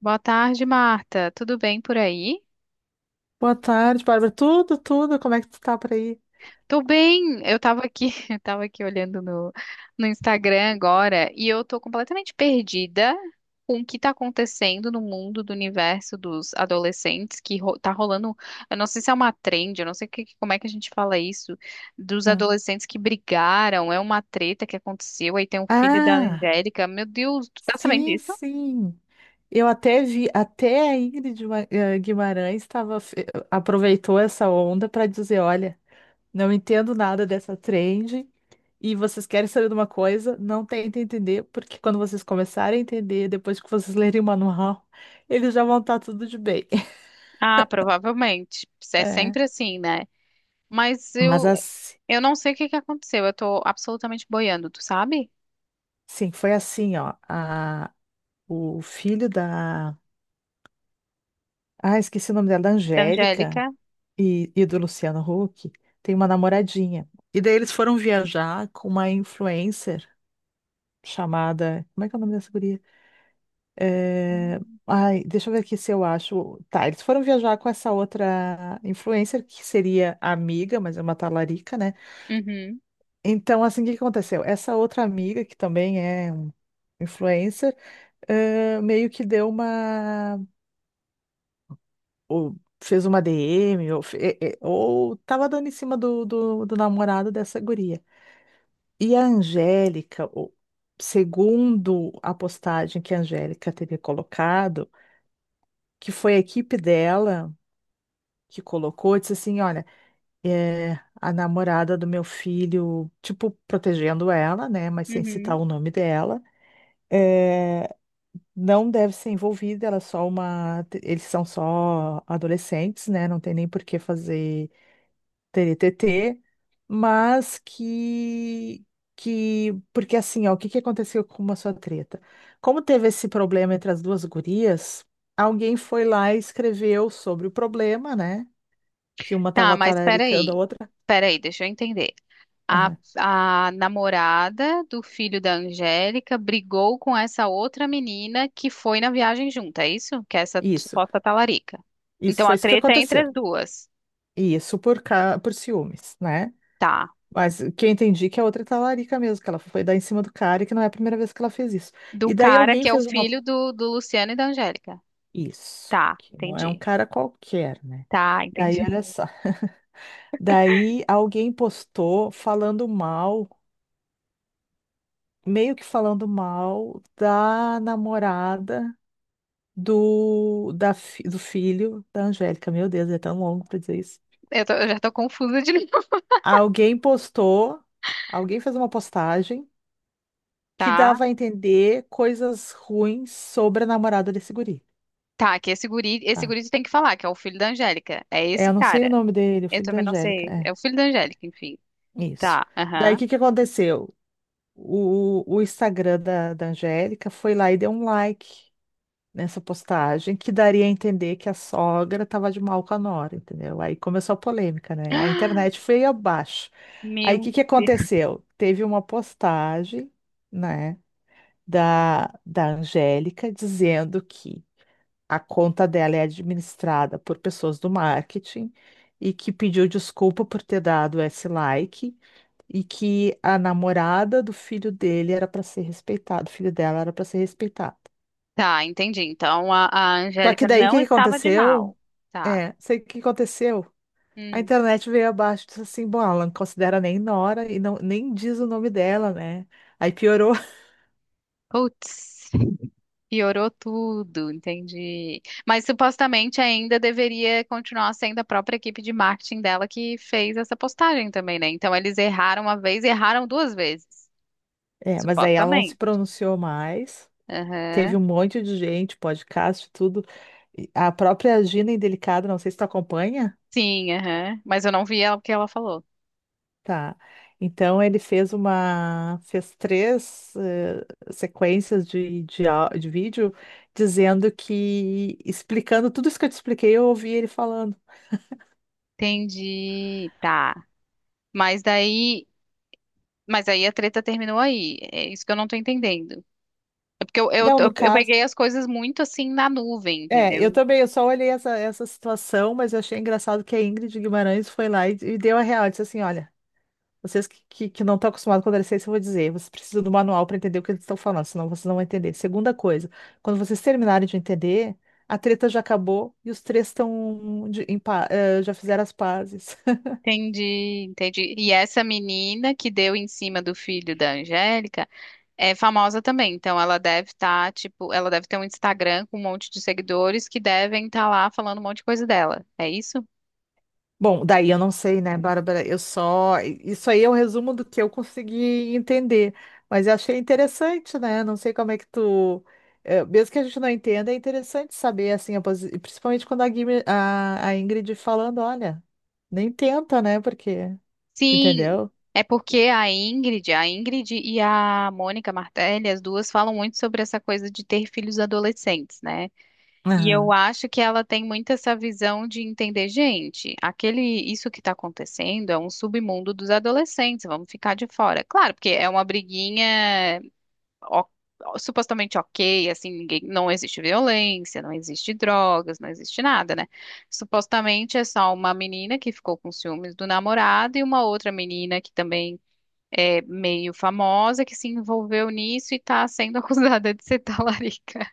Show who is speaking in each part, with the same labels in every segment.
Speaker 1: Boa tarde, Marta. Tudo bem por aí?
Speaker 2: Boa tarde, Bárbara. Tudo, tudo. Como é que tu tá por aí?
Speaker 1: Tô bem. Eu tava aqui olhando no Instagram agora e eu tô completamente perdida com o que tá acontecendo no mundo do universo dos adolescentes, que ro tá rolando. Eu não sei se é uma trend, eu não sei como é que a gente fala isso, dos
Speaker 2: Ah,
Speaker 1: adolescentes que brigaram, é uma treta que aconteceu, aí tem um filho da
Speaker 2: Ah,
Speaker 1: Angélica. Meu Deus, tu tá sabendo
Speaker 2: sim,
Speaker 1: disso?
Speaker 2: sim. Eu até vi, até a Ingrid Guimarães estava, aproveitou essa onda para dizer, olha, não entendo nada dessa trend e vocês querem saber de uma coisa, não tentem entender, porque quando vocês começarem a entender, depois que vocês lerem o manual, eles já vão estar tudo de bem.
Speaker 1: Ah, provavelmente. É
Speaker 2: É.
Speaker 1: sempre assim, né? Mas
Speaker 2: Mas
Speaker 1: eu,
Speaker 2: assim,
Speaker 1: Eu não sei o que que aconteceu. Eu tô absolutamente boiando, tu sabe?
Speaker 2: sim, foi assim, ó. A, o filho da, ah, esqueci o nome dela, da
Speaker 1: Da
Speaker 2: Angélica
Speaker 1: Angélica.
Speaker 2: e do Luciano Huck. Tem uma namoradinha. E daí eles foram viajar com uma influencer chamada. Como é que é o nome dessa guria? É,
Speaker 1: Hum.
Speaker 2: Ai, deixa eu ver aqui se eu acho. Tá, eles foram viajar com essa outra influencer, que seria amiga, mas é uma talarica, né?
Speaker 1: Uhum,
Speaker 2: Então, assim, o que que aconteceu? Essa outra amiga, que também é um influencer, meio que deu uma, ou fez uma DM, ou ou tava dando em cima do namorado dessa guria. E a Angélica, o- segundo a postagem que a Angélica teria colocado, que foi a equipe dela que colocou, disse assim, olha, é, a namorada do meu filho, tipo, protegendo ela, né, mas sem citar
Speaker 1: uhum.
Speaker 2: o nome dela, é, não deve ser envolvida, ela é só uma, eles são só adolescentes, né, não tem nem por que fazer TNTT, mas que, porque assim, ó, o que que aconteceu com uma sua treta? Como teve esse problema entre as duas gurias, alguém foi lá e escreveu sobre o problema, né? Que uma
Speaker 1: Tá,
Speaker 2: tava
Speaker 1: mas
Speaker 2: talaricando a
Speaker 1: peraí.
Speaker 2: outra.
Speaker 1: Peraí, deixa eu entender. A,
Speaker 2: Aham.
Speaker 1: a namorada do filho da Angélica brigou com essa outra menina que foi na viagem junto. É isso? Que é essa
Speaker 2: Isso,
Speaker 1: suposta talarica.
Speaker 2: isso
Speaker 1: Então
Speaker 2: foi
Speaker 1: a
Speaker 2: isso que
Speaker 1: treta é entre
Speaker 2: aconteceu.
Speaker 1: as duas.
Speaker 2: E isso por ca... por ciúmes, né?
Speaker 1: Tá.
Speaker 2: Mas o que eu entendi que a outra é talarica mesmo, que ela foi dar em cima do cara e que não é a primeira vez que ela fez isso.
Speaker 1: Do
Speaker 2: E daí
Speaker 1: cara
Speaker 2: alguém
Speaker 1: que é o
Speaker 2: fez uma,
Speaker 1: filho do Luciano e da Angélica.
Speaker 2: isso,
Speaker 1: Tá,
Speaker 2: que não é um
Speaker 1: entendi.
Speaker 2: cara qualquer, né?
Speaker 1: Tá,
Speaker 2: Daí,
Speaker 1: entendi.
Speaker 2: olha só. Daí alguém postou falando mal, meio que falando mal da namorada do filho da Angélica. Meu Deus, é tão longo pra dizer isso.
Speaker 1: Eu já tô confusa de novo.
Speaker 2: Alguém postou, alguém fez uma postagem que
Speaker 1: Tá.
Speaker 2: dava a entender coisas ruins sobre a namorada desse guri.
Speaker 1: Tá, que esse
Speaker 2: Tá?
Speaker 1: guri tu tem que falar, que é o filho da Angélica. É
Speaker 2: É,
Speaker 1: esse
Speaker 2: eu não sei o
Speaker 1: cara.
Speaker 2: nome dele, o
Speaker 1: Eu
Speaker 2: filho da
Speaker 1: também não
Speaker 2: Angélica.
Speaker 1: sei.
Speaker 2: É,
Speaker 1: É o filho da Angélica, enfim.
Speaker 2: isso.
Speaker 1: Tá,
Speaker 2: Daí o
Speaker 1: aham.
Speaker 2: que que aconteceu? O o Instagram da Angélica foi lá e deu um like nessa postagem, que daria a entender que a sogra estava de mal com a nora, entendeu? Aí começou a polêmica, né? A internet foi abaixo. Aí o
Speaker 1: Meu
Speaker 2: que que
Speaker 1: Deus.
Speaker 2: aconteceu? Teve uma postagem, né, da Angélica dizendo que a conta dela é administrada por pessoas do marketing e que pediu desculpa por ter dado esse like e que a namorada do filho dele era para ser respeitada, o filho dela era para ser respeitado.
Speaker 1: Tá, entendi. Então a
Speaker 2: Só que
Speaker 1: Angélica
Speaker 2: daí o que
Speaker 1: não
Speaker 2: que
Speaker 1: estava de
Speaker 2: aconteceu?
Speaker 1: mal. Tá.
Speaker 2: É, sei o que aconteceu. A
Speaker 1: Hum.
Speaker 2: internet veio abaixo e disse assim, bom, ela não considera nem nora e não, nem diz o nome dela, né? Aí piorou.
Speaker 1: Putz, piorou tudo, entendi. Mas supostamente ainda deveria continuar sendo a própria equipe de marketing dela que fez essa postagem também, né? Então eles erraram uma vez e erraram duas vezes,
Speaker 2: É, mas aí ela não se
Speaker 1: supostamente.
Speaker 2: pronunciou mais. Teve
Speaker 1: Aham.
Speaker 2: um monte de gente, podcast, tudo. E a própria Gina Indelicada, não sei se tu acompanha.
Speaker 1: Sim, aham. Mas eu não vi ela, o que ela falou.
Speaker 2: Tá. Então ele fez uma, fez três sequências de de vídeo dizendo que, explicando tudo isso que eu te expliquei, eu ouvi ele falando.
Speaker 1: Entendi. Tá. Mas daí, mas aí a treta terminou aí. É isso que eu não tô entendendo. É porque
Speaker 2: Não, no
Speaker 1: eu
Speaker 2: caso,
Speaker 1: peguei as coisas muito assim na nuvem,
Speaker 2: é, eu
Speaker 1: entendeu?
Speaker 2: também, eu só olhei essa, essa situação, mas eu achei engraçado que a Ingrid Guimarães foi lá e deu a real, disse assim, olha, vocês que não estão acostumados com adolescência, eu vou dizer, vocês precisam do manual para entender o que eles estão falando, senão vocês não vão entender. Segunda coisa, quando vocês terminarem de entender, a treta já acabou e os três estão já fizeram as pazes.
Speaker 1: Entendi, entendi. E essa menina que deu em cima do filho da Angélica é famosa também. Então ela deve estar, tipo, ela deve ter um Instagram com um monte de seguidores que devem estar lá falando um monte de coisa dela. É isso?
Speaker 2: Bom, daí eu não sei, né, Bárbara? Eu só. Isso aí é um resumo do que eu consegui entender. Mas eu achei interessante, né? Não sei como é que tu. Mesmo que a gente não entenda, é interessante saber, assim, a posi- principalmente quando a, Guime- a Ingrid falando, olha, nem tenta, né? Porque. Tu
Speaker 1: Sim,
Speaker 2: entendeu?
Speaker 1: é porque a Ingrid e a Mônica Martelli, as duas falam muito sobre essa coisa de ter filhos adolescentes, né? E eu
Speaker 2: Aham,
Speaker 1: acho que ela tem muito essa visão de entender, gente, aquele isso que está acontecendo é um submundo dos adolescentes, vamos ficar de fora. Claro, porque é uma briguinha o- supostamente ok, assim, ninguém, não existe violência, não existe drogas, não existe nada, né? Supostamente é só uma menina que ficou com ciúmes do namorado e uma outra menina que também é meio famosa que se envolveu nisso e tá sendo acusada de ser talarica.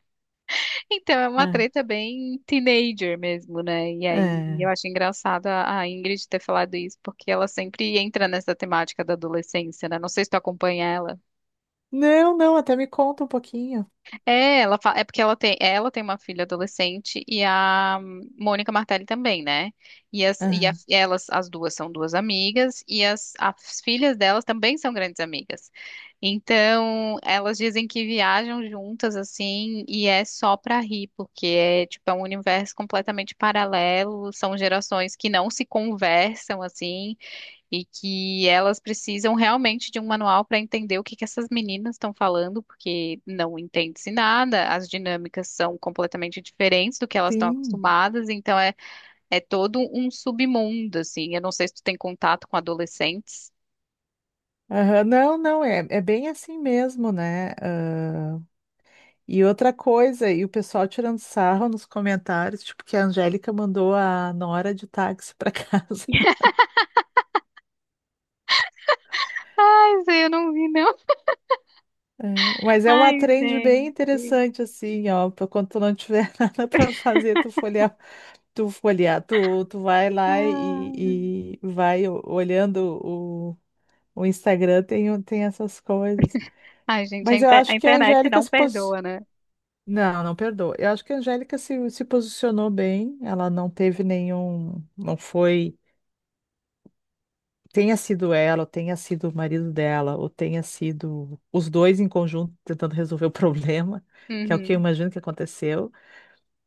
Speaker 1: Então é uma
Speaker 2: é.
Speaker 1: treta bem teenager mesmo, né? E aí eu
Speaker 2: É.
Speaker 1: acho engraçado a Ingrid ter falado isso, porque ela sempre entra nessa temática da adolescência, né? Não sei se tu acompanha ela.
Speaker 2: Não, não, até me conta um pouquinho.
Speaker 1: É, é porque ela tem uma filha adolescente e a Mônica Martelli também, né?
Speaker 2: Aham.
Speaker 1: Elas, as duas são duas amigas e as filhas delas também são grandes amigas. Então, elas dizem que viajam juntas assim e é só pra rir, porque é tipo é um universo completamente paralelo, são gerações que não se conversam assim e que elas precisam realmente de um manual para entender o que que essas meninas estão falando, porque não entende-se nada, as dinâmicas são completamente diferentes do que elas estão
Speaker 2: Sim.
Speaker 1: acostumadas, então é todo um submundo, assim. Eu não sei se tu tem contato com adolescentes.
Speaker 2: Aham, não, não, é, é bem assim mesmo, né? Ah, e outra coisa, e o pessoal tirando sarro nos comentários, tipo, que a Angélica mandou a nora de táxi para casa.
Speaker 1: Essa eu não vi, não.
Speaker 2: É, mas é
Speaker 1: Ai,
Speaker 2: uma trend bem
Speaker 1: gente.
Speaker 2: interessante, assim, ó, pra quando tu não tiver nada para fazer, tu vai lá
Speaker 1: Ah.
Speaker 2: e vai o- olhando. O Instagram tem, o- tem essas coisas.
Speaker 1: Ai, gente,
Speaker 2: Mas eu
Speaker 1: a
Speaker 2: acho que a
Speaker 1: internet
Speaker 2: Angélica
Speaker 1: não
Speaker 2: se pos...
Speaker 1: perdoa, né?
Speaker 2: Não, não perdoa. Eu acho que a Angélica se posicionou bem. Ela não teve nenhum. Não foi. Tenha sido ela, ou tenha sido o marido dela, ou tenha sido os dois em conjunto tentando resolver o problema, que é o que eu
Speaker 1: Uhum.
Speaker 2: imagino que aconteceu.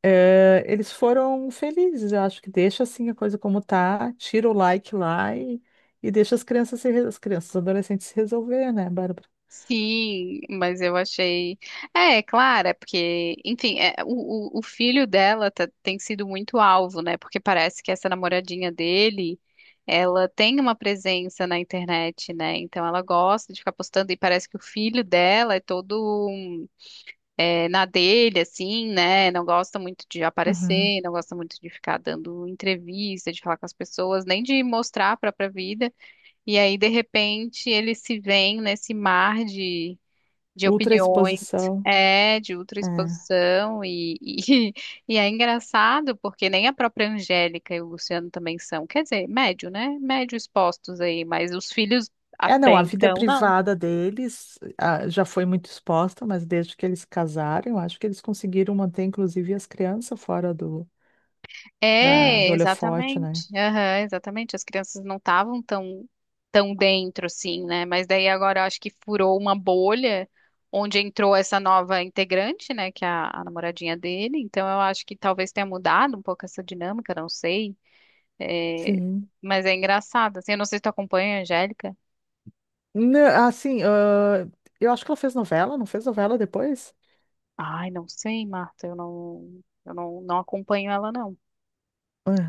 Speaker 2: Eles foram felizes. Eu acho que deixa assim a coisa como tá, tira o like lá e deixa as crianças, os adolescentes se resolver, né, Bárbara?
Speaker 1: Sim, mas eu achei. É, é claro, é porque, enfim, é, o filho dela tem sido muito alvo, né? Porque parece que essa namoradinha dele, ela tem uma presença na internet, né? Então ela gosta de ficar postando e parece que o filho dela é todo na dele, assim, né? Não gosta muito de aparecer, não gosta muito de ficar dando entrevista, de falar com as pessoas, nem de mostrar a própria vida. E aí, de repente, ele se vê nesse mar de
Speaker 2: Ultra
Speaker 1: opiniões,
Speaker 2: exposição.
Speaker 1: é, de
Speaker 2: É.
Speaker 1: ultraexposição e é engraçado porque nem a própria Angélica e o Luciano também são, quer dizer, médio, né? Médio expostos aí, mas os filhos
Speaker 2: É, não,
Speaker 1: até
Speaker 2: a vida
Speaker 1: então não.
Speaker 2: privada deles, ah, já foi muito exposta, mas desde que eles casaram, eu acho que eles conseguiram manter, inclusive, as crianças fora
Speaker 1: É,
Speaker 2: do holofote, né?
Speaker 1: exatamente, aham, exatamente, as crianças não estavam tão dentro assim, né? Mas daí agora eu acho que furou uma bolha onde entrou essa nova integrante, né, que é a namoradinha dele, então eu acho que talvez tenha mudado um pouco essa dinâmica, não sei. É,
Speaker 2: Sim.
Speaker 1: mas é engraçado, assim, eu não sei se tu acompanha a Angélica.
Speaker 2: Nã- assim, ah, eu acho que ela fez novela, não fez novela depois?
Speaker 1: Ai, não sei, Marta, eu não, não acompanho ela, não.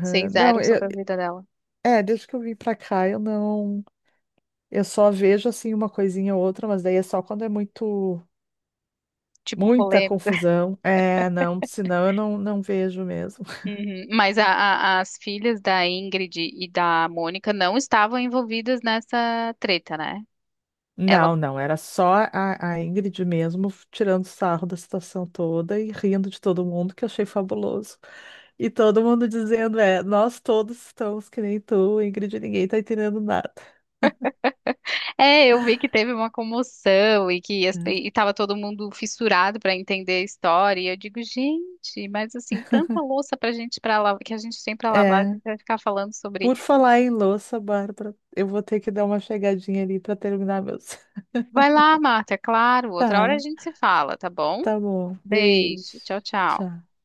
Speaker 1: Sei
Speaker 2: Não,
Speaker 1: zero
Speaker 2: eu-
Speaker 1: sobre a vida dela.
Speaker 2: é, desde que eu vim pra cá, eu não. Eu só vejo, assim, uma coisinha ou outra, mas daí é só quando é muito.
Speaker 1: Tipo,
Speaker 2: Muita
Speaker 1: polêmica.
Speaker 2: confusão. É, não, senão eu não vejo mesmo.
Speaker 1: Uhum. As filhas da Ingrid e da Mônica não estavam envolvidas nessa treta, né? Ela...
Speaker 2: Não, não, era só a Ingrid mesmo tirando sarro da situação toda e rindo de todo mundo, que eu achei fabuloso. E todo mundo dizendo, é, nós todos estamos que nem tu, Ingrid, ninguém tá entendendo nada.
Speaker 1: É, eu vi que teve uma comoção e que
Speaker 2: Né?
Speaker 1: e tava todo mundo fissurado pra entender a história. E eu digo, gente, mas assim, tanta louça pra lavar, que a gente tem pra lavar, a
Speaker 2: É,
Speaker 1: gente vai ficar falando sobre.
Speaker 2: por falar em louça, Bárbara, eu vou ter que dar uma chegadinha ali para terminar meus.
Speaker 1: Vai lá, Marta, é claro. Outra hora a
Speaker 2: Tá,
Speaker 1: gente se fala, tá bom?
Speaker 2: tá bom, beijo,
Speaker 1: Beijo, tchau, tchau.
Speaker 2: tchau.